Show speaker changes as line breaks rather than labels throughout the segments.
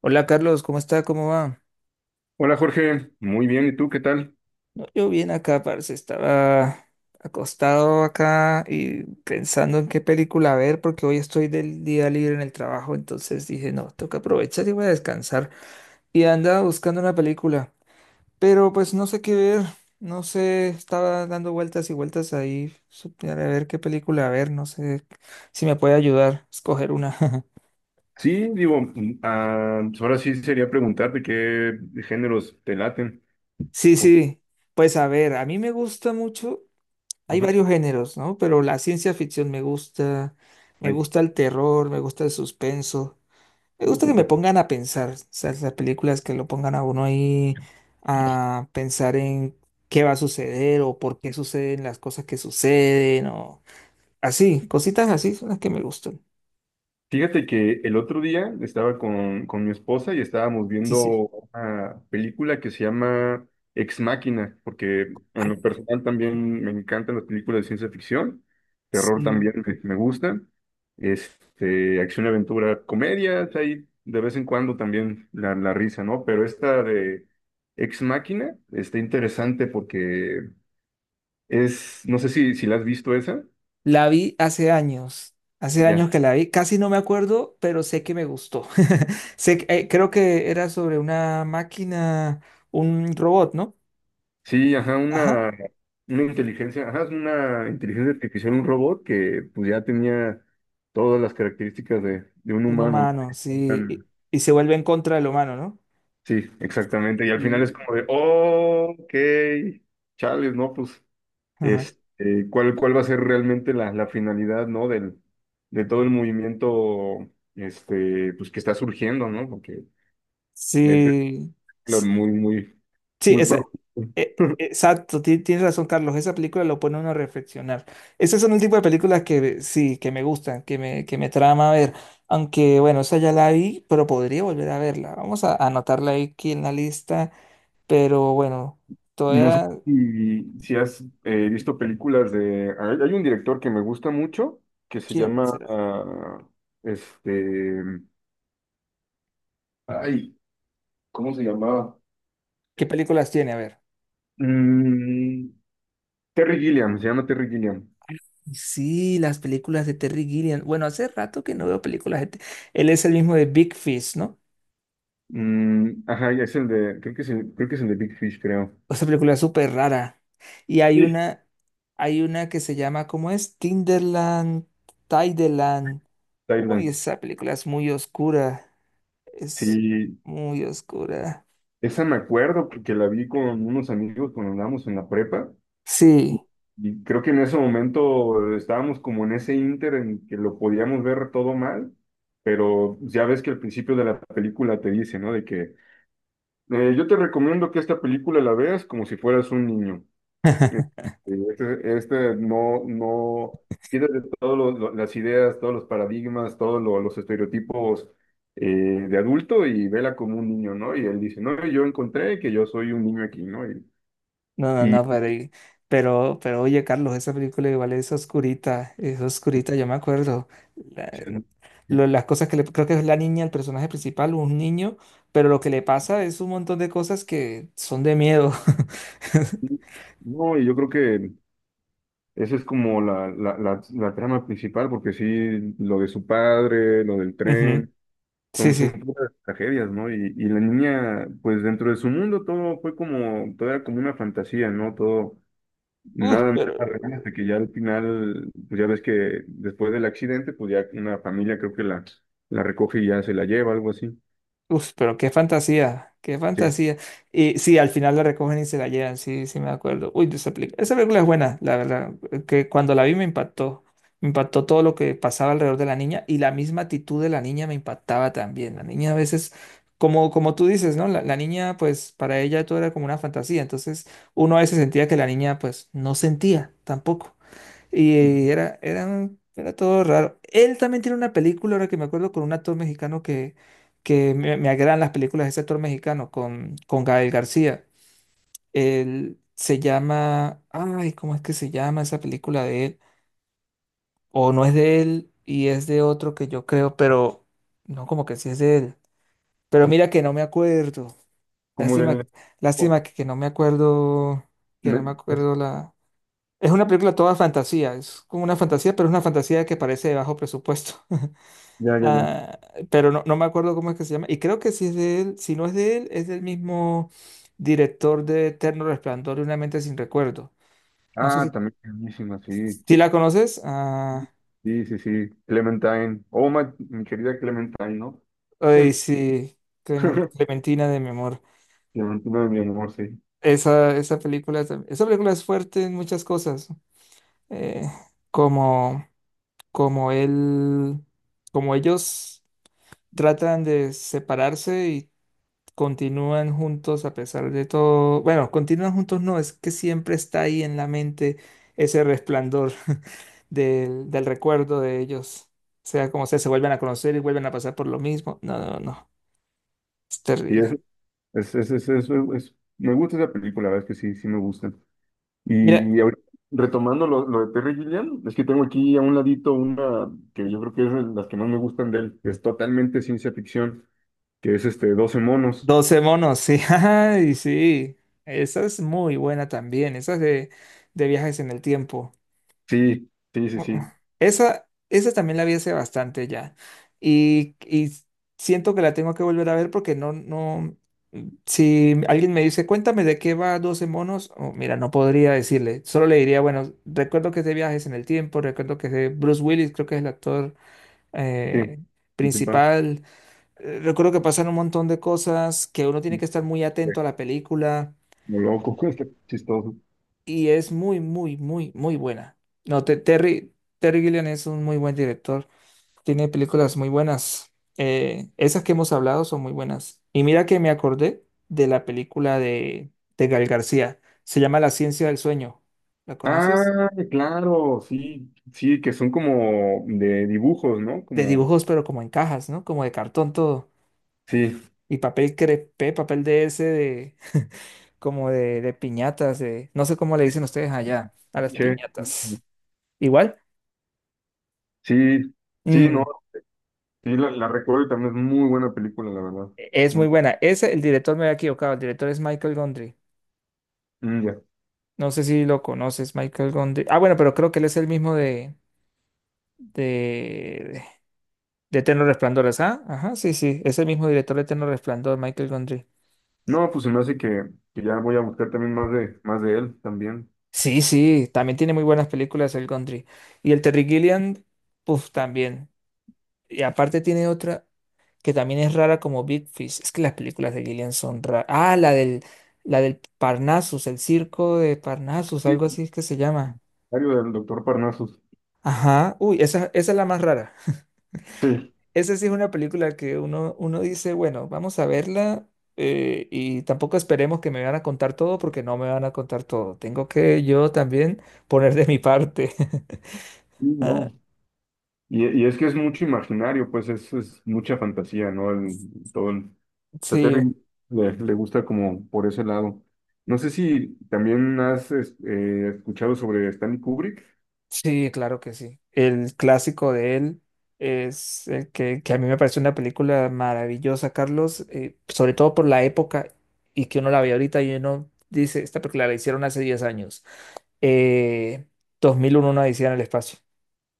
Hola Carlos, ¿cómo está? ¿Cómo va?
Hola Jorge, muy bien, ¿y tú qué tal?
No, yo bien acá, parce, estaba acostado acá y pensando en qué película ver porque hoy estoy del día libre en el trabajo, entonces dije, no, toca aprovechar y voy a descansar. Y andaba buscando una película, pero pues no sé qué ver, no sé, estaba dando vueltas y vueltas ahí para ver qué película ver, no sé si me puede ayudar a escoger una.
Sí, digo, pues ahora sí sería preguntarte qué géneros te laten.
Sí,
Por-
sí, pues a ver, a mí me gusta mucho. Hay
Ajá.
varios géneros, ¿no? Pero la ciencia ficción me
Ay,
gusta el terror, me gusta el suspenso, me gusta que me
súper.
pongan a pensar, o sea, las películas que lo pongan a uno ahí a pensar en qué va a suceder o por qué suceden las cosas que suceden o así, cositas así son las que me gustan.
Fíjate que el otro día estaba con mi esposa y estábamos
Sí,
viendo
sí.
una película que se llama Ex Máquina, porque en lo
Ah.
personal también me encantan las películas de ciencia ficción, terror
Sí.
también me gusta, este, acción, aventura, comedias, hay de vez en cuando también la risa, ¿no? Pero esta de Ex Máquina está interesante porque es, no sé si la has visto esa.
La vi hace
Ya.
años que la vi, casi no me acuerdo, pero sé que me gustó. Sé, creo que era sobre una máquina, un robot, ¿no?
Sí, ajá,
Ajá,
una inteligencia, ajá, es una inteligencia artificial, un robot que pues ya tenía todas las características de un
un
humano.
humano, sí,
¿No?
y se vuelve en contra del humano, ¿no?
Sí, exactamente. Y al final es
Y-
como de, "Oh, ok, chales", ¿no? Pues,
ajá.
este, ¿cuál va a ser realmente la finalidad, ¿no? Del, de todo el movimiento, este, pues que está surgiendo, ¿no? Porque es
Sí,
claro,
sí.
muy,
Sí,
muy profundo.
exacto, tienes razón, Carlos. Esa película lo pone a uno a reflexionar. Ese son el tipo de películas que sí, que me gustan, que me trama ver. Aunque, bueno, esa ya la vi, pero podría volver a verla. Vamos a anotarla ahí aquí en la lista. Pero bueno,
No sé
todavía,
si has visto películas de. Hay un director que me gusta mucho, que se
¿quién
llama,
será?
este... Ay, ¿cómo se llamaba?
¿Qué películas tiene? A ver.
Mm, Terry Gilliam, se llama Terry Gilliam.
Sí, las películas de Terry Gilliam. Bueno, hace rato que no veo películas de... él es el mismo de Big Fish, ¿no?
Ajá, y es el de. Creo que es el, creo que es el de Big Fish, creo.
Esa película es súper rara. Y
Sí.
hay una que se llama, ¿cómo es? Tinderland, Tideland. Uy,
Thailand.
esa película es muy oscura. Es
Sí,
muy oscura.
esa me acuerdo porque la vi con unos amigos cuando andábamos en la prepa.
Sí.
Y creo que en ese momento estábamos como en ese ínter en que lo podíamos ver todo mal, pero ya ves que al principio de la película te dice, ¿no? De que yo te recomiendo que esta película la veas como si fueras un niño. Eh, este no, no, quítate todas las ideas, todos los paradigmas, los estereotipos eh, de adulto y vela como un niño, ¿no? Y él dice, no, yo encontré que yo soy un niño aquí, ¿no? Y,
No, no, no, pero, pero, oye, Carlos, esa película igual es oscurita, yo me acuerdo. La-
y
las cosas que le, creo que es la niña, el personaje principal, un niño, pero lo que le pasa es un montón de cosas que son de miedo.
No, y yo creo que esa es como la trama principal, porque sí, lo de su padre, lo del
Ujú.
tren,
Sí,
son, son
sí.
puras tragedias, ¿no? Y la niña, pues dentro de su mundo todo fue como, todo era como una fantasía, ¿no? Todo,
Uf,
nada más
pero,
real, hasta que ya al final, pues ya ves que después del accidente, pues ya una familia creo que la recoge y ya se la lleva, algo así.
uf, pero qué fantasía, qué
Sí.
fantasía. Y sí, al final la recogen y se la llevan, sí, sí me acuerdo. Uy, esa película es buena, la verdad, que cuando la vi me impactó. Me impactó todo lo que pasaba alrededor de la niña y la misma actitud de la niña me impactaba también. La niña a veces, como tú dices, ¿no? La niña, pues para ella todo era como una fantasía. Entonces uno a veces sentía que la niña, pues no sentía tampoco. Y era todo raro. Él también tiene una película, ahora que me acuerdo, con un actor mexicano que, me agradan las películas de ese actor mexicano, con Gael García. Él se llama, ay, ¿cómo es que se llama esa película de él? O no es de él y es de otro que yo creo, pero no como que sí es de él. Pero mira que no me acuerdo.
Como
Lástima,
del. ¿No?
lástima que no me acuerdo, que no me acuerdo la... Es una película toda fantasía, es como una fantasía, pero es una fantasía que parece de bajo presupuesto.
Ya, ya, ya.
Ah, pero no, no me acuerdo cómo es que se llama. Y creo que si es de él, si no es de él, es del mismo director de Eterno Resplandor y Una mente sin recuerdo. No sé
Ah,
si,
también buenísima, sí.
si la conoces. Ah,
Sí, sí, sí, Clementine. Oh, mi querida Clementine, ¿no?
ay, sí, Clementina de mi amor.
Clementina de mi amor, sí.
Esa película, esa película es fuerte en muchas cosas. eh, como, como él, como ellos tratan de separarse y continúan juntos a pesar de todo. Bueno, continúan juntos no, es que siempre está ahí en la mente ese resplandor del recuerdo de ellos. Sea como sea, se vuelven a conocer y vuelven a pasar por lo mismo. No, no, no, es
Y es,
terrible.
me gusta esa película, la verdad es que sí, sí me gusta.
Mira,
Y ahorita, retomando lo de Terry Gilliam, es que tengo aquí a un ladito una que yo creo que es de las que más me gustan de él, que es totalmente ciencia ficción, que es este Doce monos.
doce monos, sí, ay, sí. Esa es muy buena también, de viajes en el tiempo.
Sí, sí,
Uh,
sí,
uh,
sí,
Esa, esa también la vi hace bastante ya. Y siento que la tengo que volver a ver porque no, no... Si alguien me dice, cuéntame de qué va Doce monos, oh, mira, no podría decirle. Solo le diría, bueno, recuerdo que es de viajes en el tiempo, recuerdo que es de Bruce Willis, creo que es el actor
sí,
eh,
principal.
principal. Recuerdo que pasan un montón de cosas, que uno tiene que estar muy atento a la película
Como loco, chistoso.
y es muy, muy, muy, muy buena. No, Terry Gilliam es un muy buen director. Tiene películas muy buenas. Esas que hemos hablado son muy buenas. Y mira que me acordé de la película de Gal García. Se llama La ciencia del sueño. ¿La conoces?
Ah, claro, sí, sí, que son como de dibujos, ¿no?
De
Como,
dibujos, pero como en cajas, ¿no? Como de cartón todo.
sí,
Y papel crepé, papel de ese, de... Como de piñatas, de... No sé cómo le dicen ustedes allá a las
che,
piñatas. Igual,
sí, sí, no,
mm,
sí, la recuerdo y también es muy buena película, la verdad.
e-, es
Mm,
muy buena. Ese, el director me había equivocado. El director es Michael Gondry.
mm, ya.
No sé si lo conoces, Michael Gondry. Ah, bueno, pero creo que él es el mismo de, de Eterno Resplandor, ¿ah? Ajá, sí, sí, es el mismo director de Eterno Resplandor, Michael Gondry.
No, pues se me hace que ya voy a buscar también más más de él también.
Sí, sí, también tiene muy buenas películas el Gondry. Y el Terry Gilliam, puff, también. Y aparte tiene otra que también es rara como Big Fish. Es que las películas de Gilliam son raras. Ah, la del Parnassus, el circo de Parnassus,
Sí,
algo así es que se llama.
Diario del doctor Parnasus.
Ajá, uy, esa es la más rara.
Sí,
Esa sí es una película que uno, uno dice, bueno, vamos a verla y tampoco esperemos que me van a contar todo porque no me van a contar todo. Tengo que yo también poner de mi parte.
sí,
Ah,
no. Y es que es mucho imaginario, pues es mucha fantasía, ¿no? Todo el- sea,
sí,
Terry le gusta como por ese lado. No sé si también escuchado sobre Stanley Kubrick,
sí, claro que sí. El clásico de él es el que a mí me parece una película maravillosa, Carlos, sobre todo por la época y que uno la ve ahorita y uno dice, esta película la hicieron hace 10 años. Eh, 2001, una odisea en el espacio.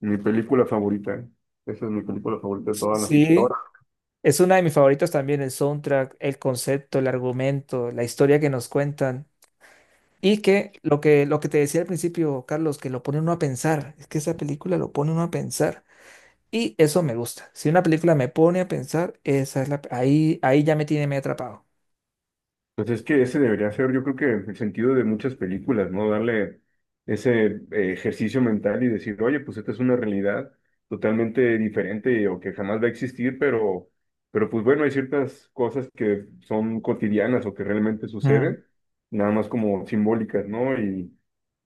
mi película favorita. Esa es mi película favorita de todas todas
Sí,
las.
es una de mis favoritas también, el soundtrack, el concepto, el argumento, la historia que nos cuentan. Y que lo que, lo que te decía al principio, Carlos, que lo pone uno a pensar. Es que esa película lo pone uno a pensar. Y eso me gusta. Si una película me pone a pensar, esa es la, ahí, ahí ya me tiene medio atrapado.
Pues es que ese debería ser, yo creo que el sentido de muchas películas, ¿no? Darle ese ejercicio mental y decir, oye, pues esta es una realidad totalmente diferente o que jamás va a existir, pero pues bueno, hay ciertas cosas que son cotidianas o que realmente
Mm.
suceden, nada más como simbólicas, ¿no?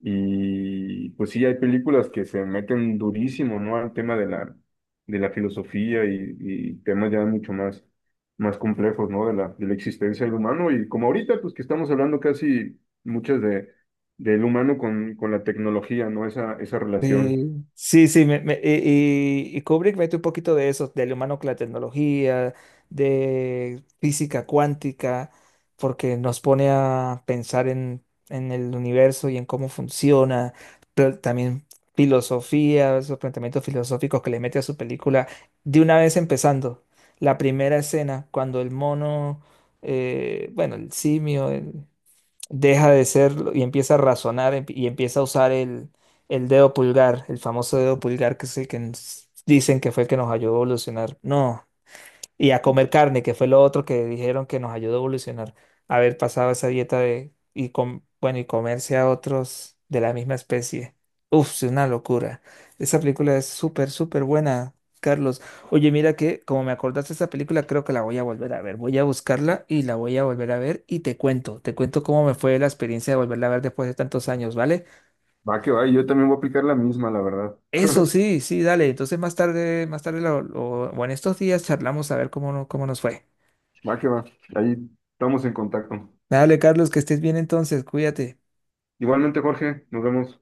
Y pues sí, hay películas que se meten durísimo, ¿no? Al tema de de la filosofía y temas ya mucho más más complejos, ¿no? De de la existencia del humano y como ahorita, pues que estamos hablando casi muchas de, del humano con la tecnología, ¿no? Esa relación.
Sí, sí, sí, y, y Kubrick mete un poquito de eso, del humano con la tecnología, de física cuántica, porque nos pone a pensar en el universo y en cómo funciona, pero también filosofía, esos planteamientos filosóficos que le mete a su película. De una vez empezando, la primera escena, cuando el mono, bueno, el simio, deja de serlo y empieza a razonar y empieza a usar el dedo pulgar, el famoso dedo pulgar que es el que nos dicen que fue el que nos ayudó a evolucionar. No. Y a comer carne, que fue lo otro que dijeron que nos ayudó a evolucionar. Haber pasado esa dieta bueno, y comerse a otros de la misma especie. Uf, es una locura. Esa película es súper, súper buena, Carlos. Oye, mira que como me acordaste de esa película, creo que la voy a volver a ver. Voy a buscarla y la voy a volver a ver y te cuento. Te cuento cómo me fue la experiencia de volverla a ver después de tantos años, ¿vale?
Va que va, y yo también voy a aplicar la misma, la verdad.
Eso sí, sí, dale. Entonces más tarde o en estos días charlamos a ver cómo, cómo nos fue.
Va que va, ahí estamos en contacto.
Dale, Carlos, que estés bien entonces, cuídate.
Igualmente, Jorge, nos vemos.